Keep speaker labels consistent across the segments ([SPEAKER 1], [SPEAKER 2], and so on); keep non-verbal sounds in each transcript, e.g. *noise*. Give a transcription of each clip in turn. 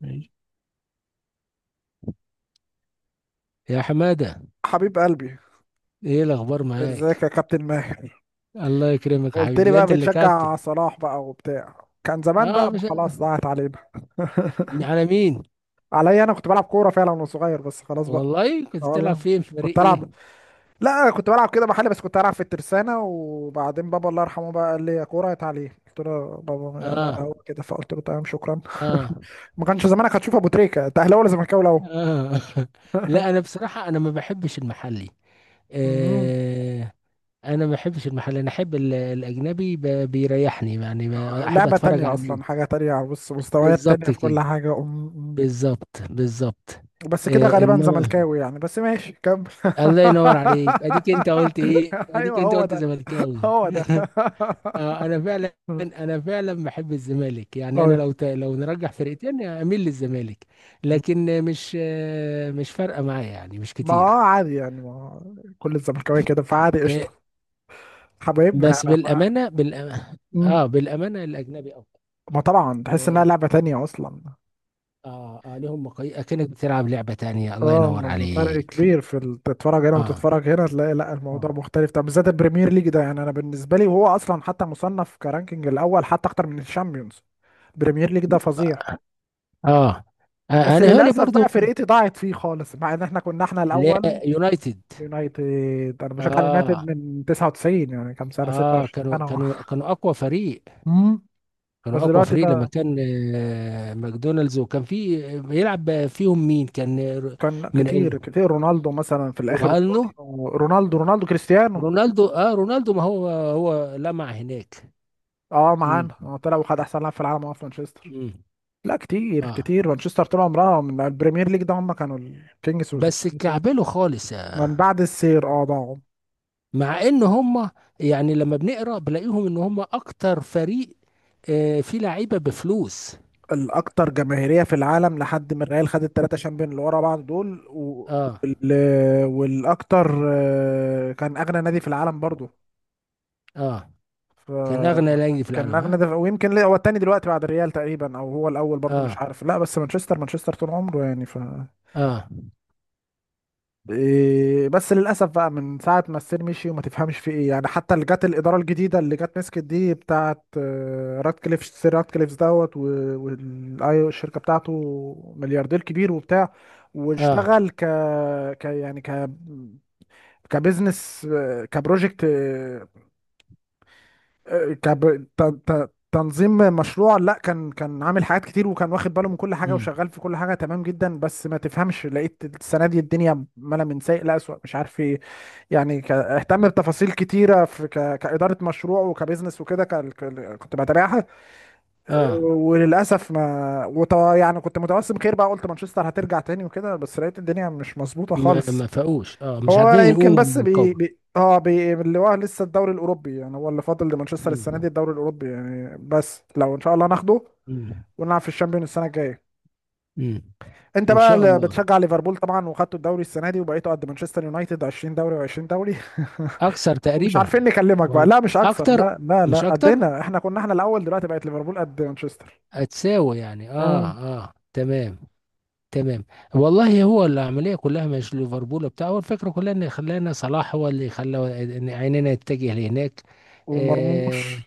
[SPEAKER 1] ماشي، يا حمادة.
[SPEAKER 2] حبيب قلبي.
[SPEAKER 1] ايه الاخبار معاك؟
[SPEAKER 2] ازيك يا كابتن ماهر؟
[SPEAKER 1] الله يكرمك يا
[SPEAKER 2] قلت
[SPEAKER 1] حبيبي،
[SPEAKER 2] لي
[SPEAKER 1] ده
[SPEAKER 2] بقى
[SPEAKER 1] انت اللي كابتن.
[SPEAKER 2] بتشجع صلاح بقى وبتاع. كان زمان
[SPEAKER 1] اه،
[SPEAKER 2] بقى، ما
[SPEAKER 1] مش
[SPEAKER 2] خلاص ضاعت علينا. *laughs*
[SPEAKER 1] على مين.
[SPEAKER 2] عليا؟ انا كنت بلعب كوره فعلا وانا صغير، بس خلاص بقى.
[SPEAKER 1] والله
[SPEAKER 2] اه
[SPEAKER 1] كنت بتلعب
[SPEAKER 2] والله،
[SPEAKER 1] فين، في فريق
[SPEAKER 2] كنت العب.
[SPEAKER 1] ايه؟
[SPEAKER 2] لا كنت بلعب كده محلي، بس كنت العب في الترسانه، وبعدين بابا الله يرحمه بقى قال لي يا كوره يا تعليم. قلت له بابا لا،
[SPEAKER 1] اه،
[SPEAKER 2] هو كده. فقلت له تمام، شكرا.
[SPEAKER 1] اه،
[SPEAKER 2] *laughs* ما كانش زمانك هتشوف ابو تريكه. انت اهلاوي ولا زملكاوي الاول؟
[SPEAKER 1] اه. *laughs* لا،
[SPEAKER 2] *laughs*
[SPEAKER 1] انا بصراحة انا ما بحبش المحلي.
[SPEAKER 2] مهم.
[SPEAKER 1] آه انا ما بحبش المحلي، انا احب الاجنبي، بيريحني يعني، احب
[SPEAKER 2] لعبة
[SPEAKER 1] اتفرج
[SPEAKER 2] تانية أصلا،
[SPEAKER 1] عليه.
[SPEAKER 2] حاجة تانية. بص، مستويات تانية
[SPEAKER 1] بالظبط
[SPEAKER 2] في كل
[SPEAKER 1] كده،
[SPEAKER 2] حاجة.
[SPEAKER 1] بالظبط، بالظبط.
[SPEAKER 2] بس كده
[SPEAKER 1] آه،
[SPEAKER 2] غالبا
[SPEAKER 1] انما
[SPEAKER 2] زملكاوي يعني، بس ماشي كمل.
[SPEAKER 1] الله ينور
[SPEAKER 2] *laughs*
[SPEAKER 1] عليك، اديك انت قلت ايه، اديك
[SPEAKER 2] ايوه
[SPEAKER 1] انت
[SPEAKER 2] هو
[SPEAKER 1] قلت
[SPEAKER 2] ده،
[SPEAKER 1] زملكاوي.
[SPEAKER 2] هو
[SPEAKER 1] *laughs*
[SPEAKER 2] ده.
[SPEAKER 1] آه، انا فعلا
[SPEAKER 2] *laughs*
[SPEAKER 1] انا فعلا بحب الزمالك، يعني انا
[SPEAKER 2] ايوه،
[SPEAKER 1] لو لو نرجح فرقتين اميل للزمالك. لكن مش فارقه معايا، يعني مش
[SPEAKER 2] ما هو
[SPEAKER 1] كتير.
[SPEAKER 2] عادي يعني، ما هو كل الزملكاويه كده، فعادي
[SPEAKER 1] آه،
[SPEAKER 2] قشطه. حبايبنا
[SPEAKER 1] بس
[SPEAKER 2] يعني
[SPEAKER 1] بالأمانة،
[SPEAKER 2] مم.
[SPEAKER 1] اه بالامانه الاجنبي افضل.
[SPEAKER 2] ما طبعا تحس انها
[SPEAKER 1] اه،
[SPEAKER 2] لعبه تانية اصلا.
[SPEAKER 1] اه، آه، لهم مقاي اكنك بتلعب لعبه تانية، الله ينور
[SPEAKER 2] اه فرق
[SPEAKER 1] عليك.
[SPEAKER 2] كبير في تتفرج هنا
[SPEAKER 1] اه،
[SPEAKER 2] وتتفرج هنا، تلاقي لا الموضوع
[SPEAKER 1] اه،
[SPEAKER 2] مختلف. طب بالذات البريمير ليج ده، يعني انا بالنسبه لي، وهو اصلا حتى مصنف كرانكينج الاول، حتى اكتر من الشامبيونز. البريمير ليج ده فظيع،
[SPEAKER 1] اه، آه،
[SPEAKER 2] بس
[SPEAKER 1] انا هالي
[SPEAKER 2] للاسف
[SPEAKER 1] برضو،
[SPEAKER 2] بقى فرقتي ضاعت فيه خالص، مع ان احنا كنا احنا
[SPEAKER 1] اللي
[SPEAKER 2] الاول.
[SPEAKER 1] هي يونايتد.
[SPEAKER 2] اليونايتد، انا بشجع اليونايتد
[SPEAKER 1] اه،
[SPEAKER 2] من 99، يعني كام سنه؟
[SPEAKER 1] اه،
[SPEAKER 2] 26
[SPEAKER 1] كانوا
[SPEAKER 2] سنه.
[SPEAKER 1] كانوا كانوا اقوى فريق.
[SPEAKER 2] امم. بس
[SPEAKER 1] كانوا اقوى
[SPEAKER 2] دلوقتي
[SPEAKER 1] فريق لما
[SPEAKER 2] بقى،
[SPEAKER 1] كان ماكدونالدز، وكان في بيلعب فيهم مين؟ كان
[SPEAKER 2] كان
[SPEAKER 1] من،
[SPEAKER 2] كتير كتير رونالدو مثلا في الاخر.
[SPEAKER 1] رونالدو
[SPEAKER 2] رونالدو، رونالدو كريستيانو.
[SPEAKER 1] رونالدو اه، رونالدو، ما هو لمع هناك.
[SPEAKER 2] اه
[SPEAKER 1] امم
[SPEAKER 2] معانا، هو طلع وخد احسن لاعب في العالم هو في مانشستر.
[SPEAKER 1] امم
[SPEAKER 2] لا كتير
[SPEAKER 1] اه،
[SPEAKER 2] كتير، مانشستر طول عمرها من البريمير ليج ده، هم كانوا الكينجز
[SPEAKER 1] بس
[SPEAKER 2] والزمالك.
[SPEAKER 1] كعبله خالص يعني.
[SPEAKER 2] من بعد السير ضاعوا.
[SPEAKER 1] مع ان هم، يعني لما بنقرا بلاقيهم ان هم اكتر فريق، آه، فيه لعيبه بفلوس.
[SPEAKER 2] الاكثر جماهيريه في العالم، لحد ما الريال خد الثلاثه شامبيون اللي ورا بعض دول
[SPEAKER 1] اه،
[SPEAKER 2] وال... والاكثر، كان اغنى نادي في العالم برضو.
[SPEAKER 1] اه، كان اغنى
[SPEAKER 2] ف
[SPEAKER 1] نادي في
[SPEAKER 2] كان
[SPEAKER 1] العالم،
[SPEAKER 2] اغنى
[SPEAKER 1] ها.
[SPEAKER 2] ده، ويمكن هو الثاني دلوقتي بعد الريال تقريبا، او هو الاول برضو مش
[SPEAKER 1] اه،
[SPEAKER 2] عارف. لا بس مانشستر، مانشستر طول عمره يعني. ف
[SPEAKER 1] اه،
[SPEAKER 2] إيه بس للاسف بقى، من ساعه ما السير مشي وما تفهمش في ايه يعني. حتى اللي جت الاداره الجديده، اللي جت مسكت دي بتاعه، راتكليف، سير راتكليف دوت والاي، والشركه بتاعته، ملياردير كبير وبتاع.
[SPEAKER 1] اه،
[SPEAKER 2] واشتغل ك ك يعني ك كبزنس، كبروجكت، تنظيم مشروع. لا كان كان عامل حاجات كتير، وكان واخد باله من كل حاجه،
[SPEAKER 1] امم
[SPEAKER 2] وشغال في كل حاجه تمام جدا. بس ما تفهمش، لقيت السنه دي الدنيا مالها من سيء لأسوأ، مش عارف ايه. يعني اهتم بتفاصيل كتيره في كاداره مشروع وكبزنس وكده. كنت بتابعها.
[SPEAKER 1] اه،
[SPEAKER 2] وللاسف، ما وط... يعني كنت متوسم خير بقى، قلت مانشستر هترجع تاني وكده، بس لقيت الدنيا مش مظبوطه
[SPEAKER 1] ما
[SPEAKER 2] خالص.
[SPEAKER 1] فاقوش، اه، مش
[SPEAKER 2] هو
[SPEAKER 1] عارفين
[SPEAKER 2] يمكن
[SPEAKER 1] يقوموا
[SPEAKER 2] بس
[SPEAKER 1] من
[SPEAKER 2] بي,
[SPEAKER 1] القبر.
[SPEAKER 2] بي اه بي اللي هو لسه الدوري الاوروبي يعني، هو اللي فاضل لمانشستر السنه دي،
[SPEAKER 1] مم.
[SPEAKER 2] الدوري الاوروبي يعني. بس لو ان شاء الله ناخده،
[SPEAKER 1] مم.
[SPEAKER 2] ونلعب في الشامبيون السنه الجايه.
[SPEAKER 1] مم.
[SPEAKER 2] انت
[SPEAKER 1] ان
[SPEAKER 2] بقى
[SPEAKER 1] شاء
[SPEAKER 2] اللي
[SPEAKER 1] الله،
[SPEAKER 2] بتشجع ليفربول طبعا، وخدتوا الدوري السنه دي، وبقيتوا قد مانشستر يونايتد، 20 دوري و20 دوري.
[SPEAKER 1] اكثر
[SPEAKER 2] *laughs* ومش
[SPEAKER 1] تقريبا.
[SPEAKER 2] عارفين نكلمك بقى.
[SPEAKER 1] ولا
[SPEAKER 2] لا مش اكثر،
[SPEAKER 1] اكتر،
[SPEAKER 2] لا لا
[SPEAKER 1] مش
[SPEAKER 2] لا،
[SPEAKER 1] اكتر،
[SPEAKER 2] قدنا، احنا كنا احنا الاول، دلوقتي بقت ليفربول قد مانشستر.
[SPEAKER 1] هتساوي يعني، اه،
[SPEAKER 2] امم.
[SPEAKER 1] اه، تمام، تمام. والله هو العمليه كلها مش ليفربول بتاع، هو الفكره كلها ان خلانا صلاح هو اللي خلى إن عيننا يتجه لهناك.
[SPEAKER 2] ومرموش.
[SPEAKER 1] آه،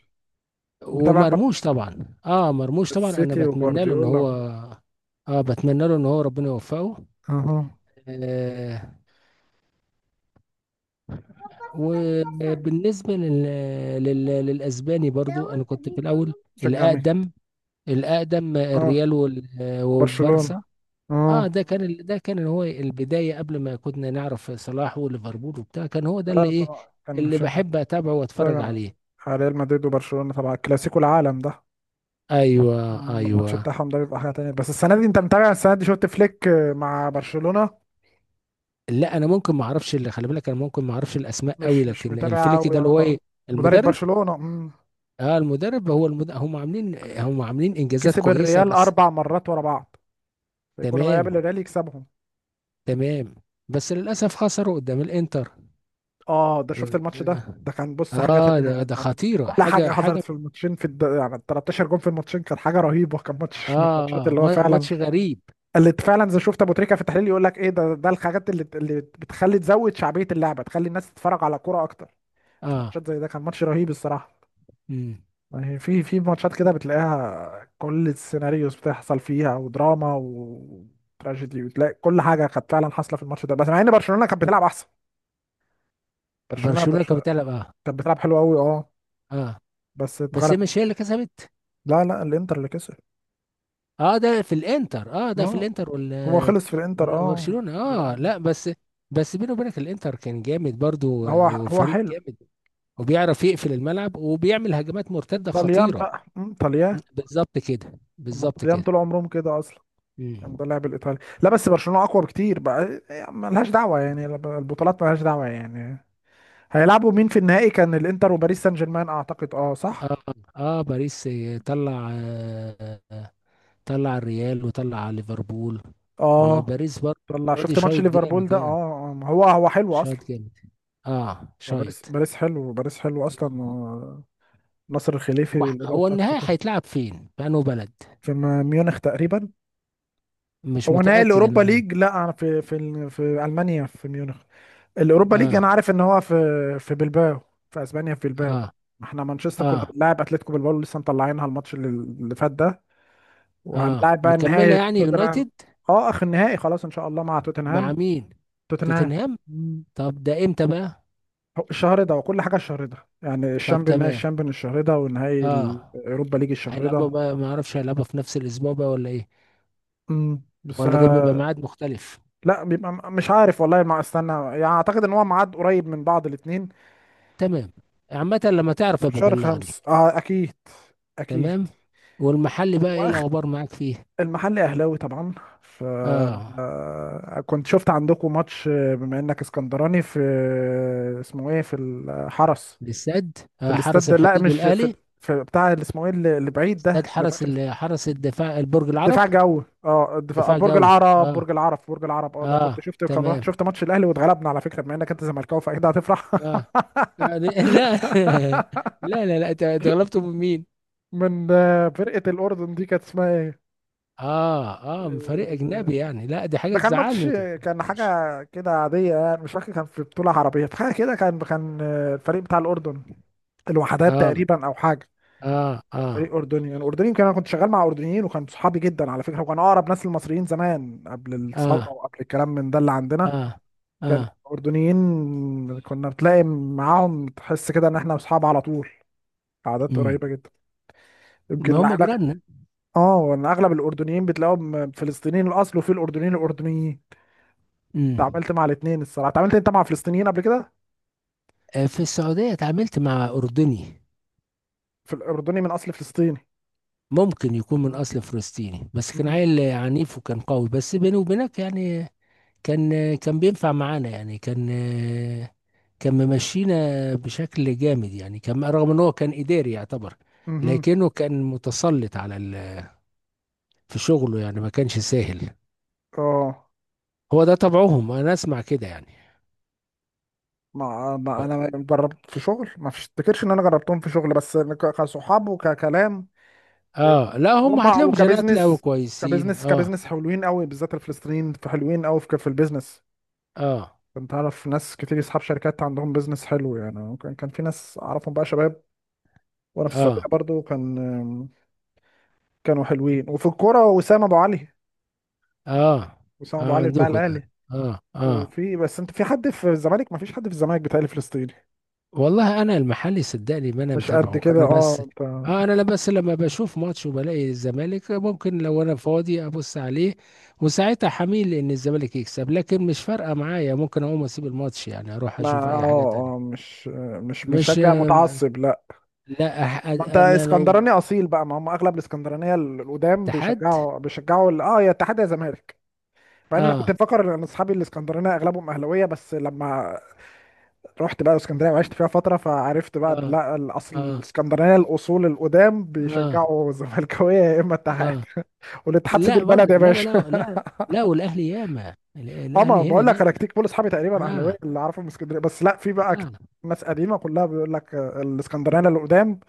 [SPEAKER 2] متابع
[SPEAKER 1] ومرموش
[SPEAKER 2] مرموش؟
[SPEAKER 1] طبعا. اه، مرموش طبعا، انا
[SPEAKER 2] السيتي
[SPEAKER 1] بتمنى له ان
[SPEAKER 2] وجوارديولا.
[SPEAKER 1] هو، اه بتمنى له ان هو ربنا يوفقه.
[SPEAKER 2] اها.
[SPEAKER 1] آه، وبالنسبة للأسباني برضو، أنا كنت في الأول،
[SPEAKER 2] شجع مين؟
[SPEAKER 1] الأقدم الأقدم،
[SPEAKER 2] اه
[SPEAKER 1] الريال
[SPEAKER 2] برشلونه.
[SPEAKER 1] والبارسا. اه،
[SPEAKER 2] اه
[SPEAKER 1] ده كان هو البداية قبل ما كنا نعرف صلاح وليفربول وبتاع، كان هو ده اللي
[SPEAKER 2] اه
[SPEAKER 1] إيه
[SPEAKER 2] طبعا كان
[SPEAKER 1] اللي
[SPEAKER 2] مشجع.
[SPEAKER 1] بحب أتابعه وأتفرج
[SPEAKER 2] بتفرج
[SPEAKER 1] عليه.
[SPEAKER 2] على ريال مدريد وبرشلونة طبعا، الكلاسيكو، العالم ده.
[SPEAKER 1] أيوه،
[SPEAKER 2] مم. الماتش
[SPEAKER 1] أيوه.
[SPEAKER 2] بتاعهم ده بيبقى حاجة تانية. بس السنة دي، انت متابع السنة دي؟ شفت فليك مع برشلونة؟
[SPEAKER 1] لا، أنا ممكن ما أعرفش، اللي خلي بالك، أنا ممكن ما أعرفش الأسماء قوي،
[SPEAKER 2] مش مش
[SPEAKER 1] لكن
[SPEAKER 2] متابع
[SPEAKER 1] الفليك
[SPEAKER 2] قوي
[SPEAKER 1] ده اللي هو
[SPEAKER 2] اه.
[SPEAKER 1] إيه؟
[SPEAKER 2] مدرب
[SPEAKER 1] المدرب.
[SPEAKER 2] برشلونة. مم.
[SPEAKER 1] هم عاملين إنجازات
[SPEAKER 2] كسب
[SPEAKER 1] كويسة،
[SPEAKER 2] الريال
[SPEAKER 1] بس.
[SPEAKER 2] أربع مرات ورا بعض، كل ما
[SPEAKER 1] تمام،
[SPEAKER 2] يقابل الريال يكسبهم.
[SPEAKER 1] تمام، بس للأسف خسروا قدام الإنتر.
[SPEAKER 2] اه ده شفت الماتش ده؟
[SPEAKER 1] اه،
[SPEAKER 2] ده كان بص حاجة
[SPEAKER 1] آه، ده
[SPEAKER 2] تانية،
[SPEAKER 1] ده
[SPEAKER 2] كان
[SPEAKER 1] خطيرة،
[SPEAKER 2] كل
[SPEAKER 1] حاجة
[SPEAKER 2] حاجة حصلت
[SPEAKER 1] حاجة.
[SPEAKER 2] في الماتشين، في يعني 13 جون، في الماتشين كان حاجة رهيبة. كان ماتش من
[SPEAKER 1] اه،
[SPEAKER 2] الماتشات
[SPEAKER 1] اه،
[SPEAKER 2] اللي هو
[SPEAKER 1] ما-
[SPEAKER 2] فعلا،
[SPEAKER 1] ماتش غريب.
[SPEAKER 2] اللي فعلا زي شفت ابو تريكه في التحليل، يقول لك ايه ده، ده الحاجات اللي بتخلي تزود شعبيه اللعبه، تخلي الناس تتفرج على كوره اكتر. في
[SPEAKER 1] اه،
[SPEAKER 2] ماتشات زي ده، كان ماتش رهيب الصراحه.
[SPEAKER 1] امم
[SPEAKER 2] يعني في في ماتشات كده بتلاقيها كل السيناريوز بتحصل فيها، ودراما وتراجيدي، وتلاقي كل حاجه كانت فعلا حاصله في الماتش ده. بس مع ان برشلونه كانت بتلعب احسن. برشلونه
[SPEAKER 1] برشلونة
[SPEAKER 2] برش...
[SPEAKER 1] كانت بتلعب، اه.
[SPEAKER 2] كانت بتلعب حلو قوي اه.
[SPEAKER 1] اه،
[SPEAKER 2] بس
[SPEAKER 1] بس
[SPEAKER 2] اتغلب.
[SPEAKER 1] هي مش هي اللي كسبت.
[SPEAKER 2] لا لا، الانتر اللي كسب.
[SPEAKER 1] اه، ده في الانتر اه ده في
[SPEAKER 2] اه
[SPEAKER 1] الانتر
[SPEAKER 2] هو
[SPEAKER 1] ولا
[SPEAKER 2] خلص في الانتر،
[SPEAKER 1] ولا
[SPEAKER 2] اه
[SPEAKER 1] برشلونة،
[SPEAKER 2] والله.
[SPEAKER 1] اه، لا بس. بس بيني وبينك الانتر كان جامد برضو،
[SPEAKER 2] هو
[SPEAKER 1] آه،
[SPEAKER 2] هو
[SPEAKER 1] وفريق
[SPEAKER 2] حلو.
[SPEAKER 1] جامد، وبيعرف يقفل الملعب وبيعمل هجمات مرتدة
[SPEAKER 2] طليان
[SPEAKER 1] خطيرة.
[SPEAKER 2] بقى، مم، طليان.
[SPEAKER 1] بالظبط كده،
[SPEAKER 2] هما
[SPEAKER 1] بالظبط
[SPEAKER 2] الطليان طول
[SPEAKER 1] كده.
[SPEAKER 2] عمرهم كده اصلا. يعني ده
[SPEAKER 1] مم.
[SPEAKER 2] اللعب الايطالي. لا بس برشلونه اقوى بكتير بقى يعني، ملهاش دعوه يعني، البطولات ملهاش دعوه يعني. هيلعبوا مين في النهائي؟ كان الانتر وباريس سان جيرمان اعتقد، اه صح.
[SPEAKER 1] اه، اه، باريس، طلع آه آه، طلع الريال وطلع ليفربول،
[SPEAKER 2] اه
[SPEAKER 1] وباريس برضه.
[SPEAKER 2] طلع.
[SPEAKER 1] المرة دي
[SPEAKER 2] شفت ماتش
[SPEAKER 1] شايط
[SPEAKER 2] ليفربول
[SPEAKER 1] جامد
[SPEAKER 2] ده؟
[SPEAKER 1] يعني،
[SPEAKER 2] ما هو هو حلو
[SPEAKER 1] شايط
[SPEAKER 2] اصلا.
[SPEAKER 1] جامد، اه،
[SPEAKER 2] هو باريس،
[SPEAKER 1] شايط.
[SPEAKER 2] باريس حلو، باريس حلو اصلا. نصر الخليفي
[SPEAKER 1] هو
[SPEAKER 2] والإدارة
[SPEAKER 1] هو
[SPEAKER 2] بتاعت
[SPEAKER 1] النهائي
[SPEAKER 2] قطر.
[SPEAKER 1] هيتلعب فين؟ في انه بلد؟
[SPEAKER 2] في ميونخ تقريبا.
[SPEAKER 1] مش
[SPEAKER 2] هو نهائي
[SPEAKER 1] متأكد
[SPEAKER 2] الاوروبا
[SPEAKER 1] انا.
[SPEAKER 2] ليج؟ لا، في المانيا في ميونخ. الاوروبا ليج انا
[SPEAKER 1] اه،
[SPEAKER 2] عارف ان هو في في بلباو، في اسبانيا في بلباو.
[SPEAKER 1] اه،
[SPEAKER 2] احنا مانشستر كنا
[SPEAKER 1] اه،
[SPEAKER 2] بنلاعب اتلتيكو بلباو، لسه مطلعينها الماتش اللي اللي فات ده.
[SPEAKER 1] اه،
[SPEAKER 2] وهنلاعب بقى
[SPEAKER 1] مكملة
[SPEAKER 2] النهائي
[SPEAKER 1] يعني،
[SPEAKER 2] توتنهام.
[SPEAKER 1] يونايتد.
[SPEAKER 2] اه اخر النهائي خلاص ان شاء الله، مع
[SPEAKER 1] مع
[SPEAKER 2] توتنهام.
[SPEAKER 1] مين؟
[SPEAKER 2] توتنهام.
[SPEAKER 1] توتنهام.
[SPEAKER 2] مم.
[SPEAKER 1] طب ده امتى بقى؟
[SPEAKER 2] هو الشهر ده، وكل حاجه الشهر ده يعني،
[SPEAKER 1] طب
[SPEAKER 2] الشامبيون، نهائي
[SPEAKER 1] تمام،
[SPEAKER 2] الشامبيون الشهر ده، ونهائي
[SPEAKER 1] اه،
[SPEAKER 2] الاوروبا ليج الشهر
[SPEAKER 1] هيلعبوا
[SPEAKER 2] ده.
[SPEAKER 1] بقى ما اعرفش هيلعبوا في نفس الاسبوع بقى ولا ايه؟
[SPEAKER 2] مم. بس
[SPEAKER 1] ولا ده بيبقى
[SPEAKER 2] آه،
[SPEAKER 1] ميعاد مختلف؟
[SPEAKER 2] لا بيبقى مش عارف والله، ما استنى يعني، اعتقد ان هو ميعاد قريب من بعض الاثنين.
[SPEAKER 1] تمام، عامة لما تعرف
[SPEAKER 2] في
[SPEAKER 1] ابقى
[SPEAKER 2] شهر
[SPEAKER 1] بلغني.
[SPEAKER 2] خمس اه اكيد، اكيد.
[SPEAKER 1] تمام. والمحل بقى ايه الاخبار معاك فيه؟
[SPEAKER 2] المحل اهلاوي طبعا. ف
[SPEAKER 1] اه،
[SPEAKER 2] آه، كنت شفت عندكم ماتش، بما انك اسكندراني، في اسمه ايه، في الحرس،
[SPEAKER 1] الاستاد،
[SPEAKER 2] في الاستاد
[SPEAKER 1] حرس
[SPEAKER 2] لا
[SPEAKER 1] الحدود
[SPEAKER 2] مش في،
[SPEAKER 1] والاهلي.
[SPEAKER 2] في بتاع اللي اسمه ايه، اللي اللي بعيد
[SPEAKER 1] استاد
[SPEAKER 2] ده اللي في
[SPEAKER 1] حرس
[SPEAKER 2] اخر.
[SPEAKER 1] ال- حرس الدفاع، البرج العرب،
[SPEAKER 2] الدفاع جو، اه الدفاع،
[SPEAKER 1] دفاع
[SPEAKER 2] برج
[SPEAKER 1] جوي،
[SPEAKER 2] العرب،
[SPEAKER 1] اه،
[SPEAKER 2] برج العرب، برج العرب. اه ده كنت
[SPEAKER 1] اه،
[SPEAKER 2] شفت، كان رحت
[SPEAKER 1] تمام،
[SPEAKER 2] شفت ماتش الاهلي واتغلبنا، على فكره بما انك انت زملكاوي فاكيد هتفرح.
[SPEAKER 1] اه،
[SPEAKER 2] *laughs*
[SPEAKER 1] آه، لا. *laughs* لا، لا، لا، أنت غلبته من مين؟
[SPEAKER 2] من فرقه الاردن دي، كانت اسمها ايه؟
[SPEAKER 1] اه، اه، من فريق
[SPEAKER 2] آه،
[SPEAKER 1] اجنبي يعني، لا دي حاجة
[SPEAKER 2] ده كان
[SPEAKER 1] تزعلني
[SPEAKER 2] ماتش،
[SPEAKER 1] ما
[SPEAKER 2] كان حاجة
[SPEAKER 1] تفهمنيش.
[SPEAKER 2] كده عادية يعني، مش فاكر، كان في بطولة عربية في حاجة كده، كان كان الفريق بتاع الأردن، الوحدات
[SPEAKER 1] اه،
[SPEAKER 2] تقريبا أو حاجة.
[SPEAKER 1] اه، اه،
[SPEAKER 2] فريق أردني. أنا أردني كان، أنا كنت شغال مع أردنيين، وكان صحابي جدا على فكرة، وكان أقرب ناس للمصريين زمان قبل الثورة
[SPEAKER 1] اه،
[SPEAKER 2] وقبل الكلام من ده اللي عندنا.
[SPEAKER 1] اه،
[SPEAKER 2] كان
[SPEAKER 1] اه،
[SPEAKER 2] الأردنيين، كنا بتلاقي معاهم تحس كده إن إحنا أصحاب على طول، عادات
[SPEAKER 1] امم
[SPEAKER 2] قريبة جدا.
[SPEAKER 1] ما
[SPEAKER 2] يمكن
[SPEAKER 1] هم
[SPEAKER 2] أغلب،
[SPEAKER 1] جيراننا.
[SPEAKER 2] آه، إن أغلب الأردنيين بتلاقيهم فلسطينيين الأصل، وفي الأردنيين الأردنيين.
[SPEAKER 1] امم،
[SPEAKER 2] اتعاملت مع الاتنين الصراحة. اتعاملت أنت مع فلسطينيين قبل كده؟
[SPEAKER 1] آه، في السعودية اتعاملت مع أردني.
[SPEAKER 2] في الأردني من أصل فلسطيني.
[SPEAKER 1] ممكن يكون من
[SPEAKER 2] مم.
[SPEAKER 1] أصل فلسطيني، بس كان
[SPEAKER 2] مم.
[SPEAKER 1] عيل عنيف وكان قوي، بس بيني وبينك يعني كان بينفع معانا يعني، كان ممشينا بشكل جامد يعني، كان رغم إن هو كان إداري يعتبر،
[SPEAKER 2] مهم.
[SPEAKER 1] لكنه كان متسلط في شغله يعني، ما كانش سهل.
[SPEAKER 2] اه
[SPEAKER 1] هو ده طبعهم، أنا أسمع كده يعني.
[SPEAKER 2] ما ما
[SPEAKER 1] و-
[SPEAKER 2] انا جربت في شغل، ما افتكرش ان انا جربتهم في شغل، بس كصحاب وككلام. إيه،
[SPEAKER 1] آه، لا هم
[SPEAKER 2] هم
[SPEAKER 1] هتلاقيهم جنات قوي
[SPEAKER 2] وكبزنس.
[SPEAKER 1] كويسين،
[SPEAKER 2] كبزنس
[SPEAKER 1] آه،
[SPEAKER 2] كبزنس حلوين قوي، بالذات الفلسطينيين، في حلوين قوي في في البيزنس.
[SPEAKER 1] آه،
[SPEAKER 2] كنت اعرف ناس كتير اصحاب شركات عندهم بيزنس حلو يعني، كان كان في ناس اعرفهم بقى شباب. وانا في السعوديه
[SPEAKER 1] آه،
[SPEAKER 2] برضو كان، كانوا حلوين. وفي الكوره وسام ابو علي،
[SPEAKER 1] آه،
[SPEAKER 2] وسام ابو
[SPEAKER 1] آه،
[SPEAKER 2] علي بتاع
[SPEAKER 1] عندكم ده،
[SPEAKER 2] الاهلي.
[SPEAKER 1] اه، اه.
[SPEAKER 2] وفي بس، انت في حد في الزمالك؟ ما فيش حد في الزمالك بتاعي فلسطيني.
[SPEAKER 1] والله انا المحلي صدقني، ما انا
[SPEAKER 2] مش قد
[SPEAKER 1] متابعه
[SPEAKER 2] كده
[SPEAKER 1] انا، بس
[SPEAKER 2] اه انت.
[SPEAKER 1] اه انا لا، بس لما بشوف ماتش وبلاقي الزمالك ممكن لو انا فاضي ابص عليه، وساعتها حميل ان الزمالك يكسب، لكن مش فارقه معايا، ممكن اقوم اسيب الماتش يعني اروح
[SPEAKER 2] ما
[SPEAKER 1] اشوف اي حاجه
[SPEAKER 2] اه اه
[SPEAKER 1] تانية.
[SPEAKER 2] مش مش
[SPEAKER 1] مش،
[SPEAKER 2] مشجع متعصب، لا.
[SPEAKER 1] لا،
[SPEAKER 2] ما انت
[SPEAKER 1] انا لو
[SPEAKER 2] اسكندراني اصيل بقى، ما هم اغلب الاسكندرانيه القدام
[SPEAKER 1] اتحاد.
[SPEAKER 2] بيشجعوا، يا اتحاد يا زمالك. مع ان انا كنت
[SPEAKER 1] اه،
[SPEAKER 2] مفكر ان اصحابي الاسكندرانيه اغلبهم اهلاويه، بس لما رحت بقى اسكندريه وعشت فيها فتره، فعرفت بقى ان
[SPEAKER 1] اه،
[SPEAKER 2] لا، الاصل
[SPEAKER 1] اه،
[SPEAKER 2] الاسكندرانيه الاصول القدام
[SPEAKER 1] اه،
[SPEAKER 2] بيشجعوا *laughs* زملكاويه يا اما اتحاد.
[SPEAKER 1] اه،
[SPEAKER 2] *laughs* والاتحاد سيد
[SPEAKER 1] لا
[SPEAKER 2] البلد
[SPEAKER 1] برضه،
[SPEAKER 2] يا
[SPEAKER 1] لا، لا،
[SPEAKER 2] باشا.
[SPEAKER 1] لا، لا. لا، والاهلي ياما،
[SPEAKER 2] اه ما
[SPEAKER 1] الاهلي هنا
[SPEAKER 2] بقول لك، انا
[SPEAKER 1] ياما.
[SPEAKER 2] كتير كل اصحابي تقريبا اهلاويه
[SPEAKER 1] اه،
[SPEAKER 2] اللي اعرفهم من اسكندريه، بس لا في بقى
[SPEAKER 1] اه،
[SPEAKER 2] ناس قديمه كلها بيقول لك، الاسكندرانيه اللي قدام،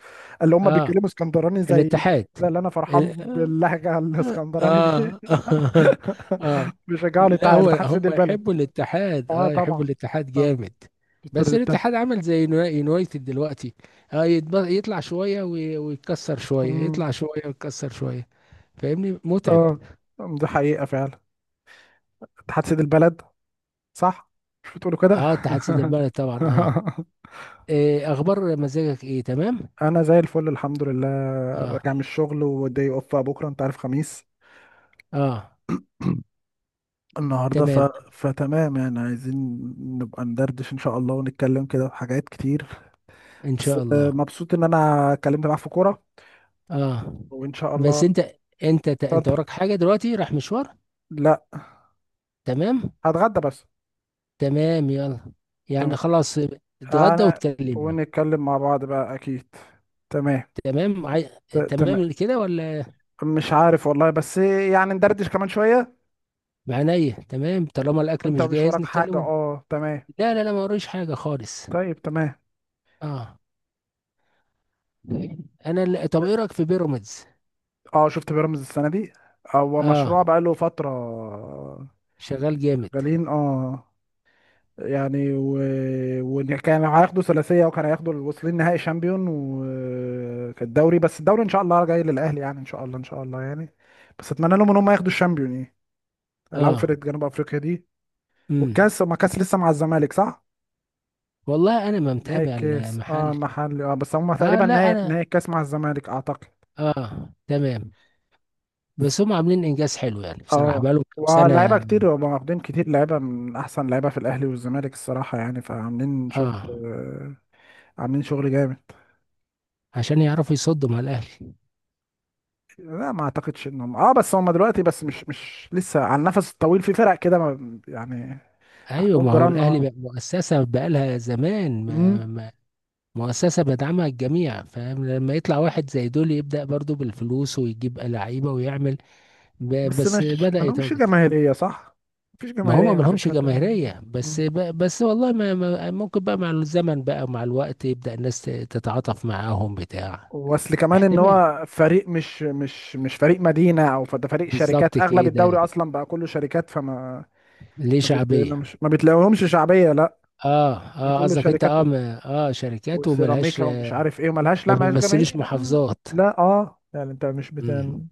[SPEAKER 2] اللي هم
[SPEAKER 1] اه،
[SPEAKER 2] بيتكلموا اسكندراني زي
[SPEAKER 1] الاتحاد،
[SPEAKER 2] ده، اللي انا فرحان باللهجه الاسكندراني دي،
[SPEAKER 1] اه. *laughs* اه، اه،
[SPEAKER 2] *laughs* بيشجعوا
[SPEAKER 1] لا هو
[SPEAKER 2] لتحت سد
[SPEAKER 1] هم
[SPEAKER 2] البلد.
[SPEAKER 1] يحبوا الاتحاد،
[SPEAKER 2] اه
[SPEAKER 1] يحبوا
[SPEAKER 2] طبعا،
[SPEAKER 1] الاتحاد
[SPEAKER 2] طبعا.
[SPEAKER 1] جامد. بس
[SPEAKER 2] ابتديتها.
[SPEAKER 1] الاتحاد عمل زي يونايتد دلوقتي، اه، يطلع شوية ويتكسر شوية، يطلع
[SPEAKER 2] أمم،
[SPEAKER 1] شوية ويتكسر شوية. فاهمني، متعب.
[SPEAKER 2] اه أم، دي حقيقه فعلا. اتحاد سيد البلد صح؟ مش بتقولوا كده؟
[SPEAKER 1] اه، اتحاد سيد البلد طبعا، اه.
[SPEAKER 2] *laughs*
[SPEAKER 1] إيه اخبار مزاجك؟ ايه تمام.
[SPEAKER 2] انا زي الفل الحمد لله.
[SPEAKER 1] اه،
[SPEAKER 2] راجع من الشغل، ودي اوف بقى بكره انت عارف خميس
[SPEAKER 1] اه،
[SPEAKER 2] النهارده،
[SPEAKER 1] تمام،
[SPEAKER 2] فتمام يعني. عايزين نبقى ندردش ان شاء الله، ونتكلم كده في حاجات كتير.
[SPEAKER 1] ان
[SPEAKER 2] بس
[SPEAKER 1] شاء
[SPEAKER 2] آه،
[SPEAKER 1] الله،
[SPEAKER 2] مبسوط ان انا اتكلمت معاك في كوره،
[SPEAKER 1] اه،
[SPEAKER 2] وان شاء الله.
[SPEAKER 1] بس انت
[SPEAKER 2] اتفضل.
[SPEAKER 1] وراك حاجة دلوقتي، رايح مشوار؟
[SPEAKER 2] لا
[SPEAKER 1] تمام،
[SPEAKER 2] هتغدى بس.
[SPEAKER 1] تمام، يلا
[SPEAKER 2] تمام
[SPEAKER 1] يعني، خلاص. اتغدى
[SPEAKER 2] انا،
[SPEAKER 1] وتكلمني.
[SPEAKER 2] ونتكلم مع بعض بقى اكيد. تمام.
[SPEAKER 1] تمام،
[SPEAKER 2] تمام.
[SPEAKER 1] تمام كده ولا؟
[SPEAKER 2] مش عارف والله، بس يعني ندردش كمان شويه.
[SPEAKER 1] معنية تمام، طالما الأكل
[SPEAKER 2] وانت
[SPEAKER 1] مش
[SPEAKER 2] مش
[SPEAKER 1] جاهز
[SPEAKER 2] وراك حاجه؟
[SPEAKER 1] نتكلمه.
[SPEAKER 2] اه تمام.
[SPEAKER 1] لا، لا، لا، ما وريش حاجة خالص.
[SPEAKER 2] طيب تمام.
[SPEAKER 1] اه، طب إيه رأيك في بيراميدز؟
[SPEAKER 2] اه شفت بيراميدز السنه دي، هو
[SPEAKER 1] اه،
[SPEAKER 2] مشروع بقاله فتره.
[SPEAKER 1] شغال جامد،
[SPEAKER 2] شغالين اه، يعني وكان هياخدوا ثلاثيه، وكان هياخدوا، واصلين نهائي شامبيون وكالدوري. بس الدوري ان شاء الله جاي للاهلي يعني، ان شاء الله ان شاء الله يعني. بس اتمنى لهم ان هم ياخدوا الشامبيون يعني، يلعبوا فرقه
[SPEAKER 1] اه،
[SPEAKER 2] جنوب افريقيا دي.
[SPEAKER 1] امم
[SPEAKER 2] والكاس، ما كاس لسه مع الزمالك صح؟
[SPEAKER 1] والله أنا ما
[SPEAKER 2] نهائي
[SPEAKER 1] متابع
[SPEAKER 2] الكاس، اه
[SPEAKER 1] المحل.
[SPEAKER 2] محلي اه، بس هم
[SPEAKER 1] اه،
[SPEAKER 2] تقريبا
[SPEAKER 1] لا
[SPEAKER 2] نهائي،
[SPEAKER 1] أنا،
[SPEAKER 2] نهائي الكاس مع الزمالك اعتقد.
[SPEAKER 1] اه، تمام. بس هم عاملين إنجاز حلو يعني، بصراحة
[SPEAKER 2] اه.
[SPEAKER 1] بقالهم كام
[SPEAKER 2] ولاعيبه
[SPEAKER 1] سنة.
[SPEAKER 2] كتير هم، واخدين كتير لعيبه من احسن لعيبه في الاهلي والزمالك الصراحه يعني، فعاملين شغل،
[SPEAKER 1] اه،
[SPEAKER 2] عاملين شغل جامد.
[SPEAKER 1] عشان يعرفوا يصدوا مع الأهلي.
[SPEAKER 2] لا ما اعتقدش انهم اه، بس هم دلوقتي بس، مش لسه على النفس الطويل في فرق كده يعني.
[SPEAKER 1] ايوه،
[SPEAKER 2] عندهم
[SPEAKER 1] ما هو
[SPEAKER 2] جيران
[SPEAKER 1] الاهلي
[SPEAKER 2] اه.
[SPEAKER 1] بقى مؤسسه بقالها زمان، ما
[SPEAKER 2] مم.
[SPEAKER 1] ما مؤسسه بدعمها الجميع، فاهم؟ لما يطلع واحد زي دول يبدا برضو بالفلوس ويجيب لعيبه ويعمل،
[SPEAKER 2] بس
[SPEAKER 1] بس
[SPEAKER 2] مش،
[SPEAKER 1] بدا
[SPEAKER 2] ما لهمش
[SPEAKER 1] يتواجد.
[SPEAKER 2] جماهيريه صح؟ مفيش
[SPEAKER 1] ما هما
[SPEAKER 2] جماهيريه،
[SPEAKER 1] ما
[SPEAKER 2] ما فيش
[SPEAKER 1] لهمش
[SPEAKER 2] حد.
[SPEAKER 1] جماهيريه، بس
[SPEAKER 2] مم.
[SPEAKER 1] بس والله ممكن بقى مع الزمن بقى ومع الوقت يبدا الناس تتعاطف معاهم بتاع.
[SPEAKER 2] واصل كمان ان
[SPEAKER 1] احتمال،
[SPEAKER 2] هو فريق مش فريق مدينه، او ده فريق
[SPEAKER 1] بالظبط
[SPEAKER 2] شركات، اغلب الدوري
[SPEAKER 1] كده،
[SPEAKER 2] اصلا بقى كله شركات، فما
[SPEAKER 1] ليه
[SPEAKER 2] ما
[SPEAKER 1] شعبيه.
[SPEAKER 2] بتلاقيهمش شعبيه لا.
[SPEAKER 1] اه،
[SPEAKER 2] ده
[SPEAKER 1] اه،
[SPEAKER 2] كله
[SPEAKER 1] قصدك انت،
[SPEAKER 2] شركات،
[SPEAKER 1] اه، شركات وملهاش،
[SPEAKER 2] وسيراميكا ومش عارف ايه، وملهاش، لا
[SPEAKER 1] ما
[SPEAKER 2] ملهاش
[SPEAKER 1] بيمثلوش
[SPEAKER 2] جماهير
[SPEAKER 1] محافظات.
[SPEAKER 2] لا اه، يعني انت مش يعني
[SPEAKER 1] امم،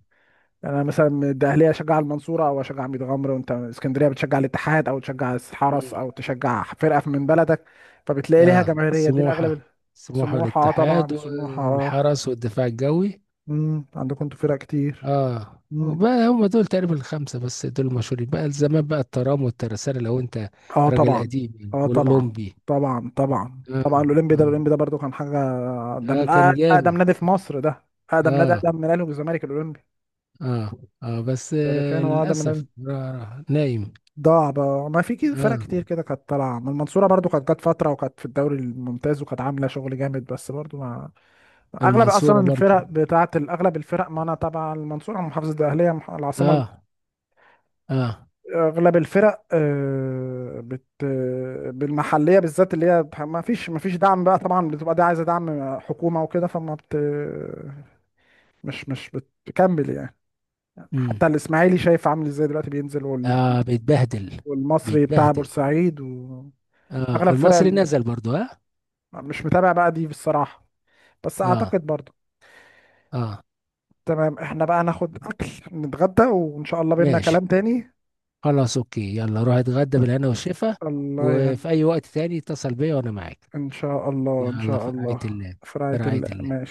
[SPEAKER 2] انا مثلا الاهليه اشجع المنصوره او اشجع ميت غمر، وانت من اسكندريه بتشجع الاتحاد او تشجع الحرس
[SPEAKER 1] امم.
[SPEAKER 2] او تشجع فرقه من بلدك، فبتلاقي ليها
[SPEAKER 1] اه،
[SPEAKER 2] جماهيريه، دي الاغلب.
[SPEAKER 1] السموحة، السموحة
[SPEAKER 2] سموحه اه
[SPEAKER 1] والاتحاد،
[SPEAKER 2] طبعا،
[SPEAKER 1] آه،
[SPEAKER 2] سموحه اه.
[SPEAKER 1] والحرس والدفاع الجوي.
[SPEAKER 2] عندكم انتوا فرق كتير.
[SPEAKER 1] اه،
[SPEAKER 2] امم.
[SPEAKER 1] وبقى هم دول تقريبا الخمسة، بس دول المشهورين بقى، زمان بقى الترام والترسانة، لو انت
[SPEAKER 2] اه
[SPEAKER 1] راجل
[SPEAKER 2] طبعا،
[SPEAKER 1] قديم يعني،
[SPEAKER 2] اه طبعا
[SPEAKER 1] والأولمبي.
[SPEAKER 2] طبعا طبعا،
[SPEAKER 1] اه،
[SPEAKER 2] طبعا الاولمبي ده،
[SPEAKER 1] اه،
[SPEAKER 2] الاولمبي ده برضو كان حاجه. ده
[SPEAKER 1] اه،
[SPEAKER 2] من
[SPEAKER 1] كان
[SPEAKER 2] اقدم
[SPEAKER 1] جامد،
[SPEAKER 2] نادي في مصر ده. اقدم نادي،
[SPEAKER 1] اه،
[SPEAKER 2] اقدم من الاهلي والزمالك الاولمبي.
[SPEAKER 1] اه، اه، بس
[SPEAKER 2] تاريخيا
[SPEAKER 1] آه،
[SPEAKER 2] هو اقدم من
[SPEAKER 1] للأسف،
[SPEAKER 2] الأهلي.
[SPEAKER 1] آه، نايم.
[SPEAKER 2] ضاع بقى. ما في كده فرق كتير
[SPEAKER 1] اه،
[SPEAKER 2] كده كانت طالعه، ما المنصوره برضو كانت جت فتره وكانت في الدوري الممتاز وكانت عامله شغل جامد، بس برضو ما. اغلب اصلا
[SPEAKER 1] المنصورة برضو،
[SPEAKER 2] الفرق بتاعه ال- اغلب الفرق، ما انا تبع المنصوره محافظه الاهليه، العاصمه.
[SPEAKER 1] اه، اه،
[SPEAKER 2] اغلب الفرق آه، بت آه، بالمحليه بالذات، اللي هي ما فيش ما فيش دعم بقى طبعا، بتبقى دي عايزه دعم حكومه وكده، فما بت مش مش بتكمل يعني.
[SPEAKER 1] امم
[SPEAKER 2] حتى الاسماعيلي شايف عامل ازاي دلوقتي بينزل
[SPEAKER 1] اه، بيتبهدل،
[SPEAKER 2] والمصري بتاع
[SPEAKER 1] بيتبهدل.
[SPEAKER 2] بورسعيد
[SPEAKER 1] اه،
[SPEAKER 2] اغلب فرق،
[SPEAKER 1] المصري نزل برضو، ها.
[SPEAKER 2] مش متابع بقى دي بصراحة، بس
[SPEAKER 1] اه،
[SPEAKER 2] اعتقد برضو.
[SPEAKER 1] اه،
[SPEAKER 2] تمام، احنا بقى هناخد اكل، نتغدى وان شاء الله بينا
[SPEAKER 1] ماشي،
[SPEAKER 2] كلام تاني.
[SPEAKER 1] خلاص، اوكي، يلا روح اتغدى بالهنا والشفا.
[SPEAKER 2] الله
[SPEAKER 1] وفي
[SPEAKER 2] يهنيك،
[SPEAKER 1] اي وقت تاني اتصل بيا وانا معاك.
[SPEAKER 2] ان شاء الله ان
[SPEAKER 1] يلا،
[SPEAKER 2] شاء
[SPEAKER 1] في رعاية
[SPEAKER 2] الله.
[SPEAKER 1] الله.
[SPEAKER 2] في
[SPEAKER 1] في
[SPEAKER 2] رعاية
[SPEAKER 1] رعاية
[SPEAKER 2] الله.
[SPEAKER 1] الله.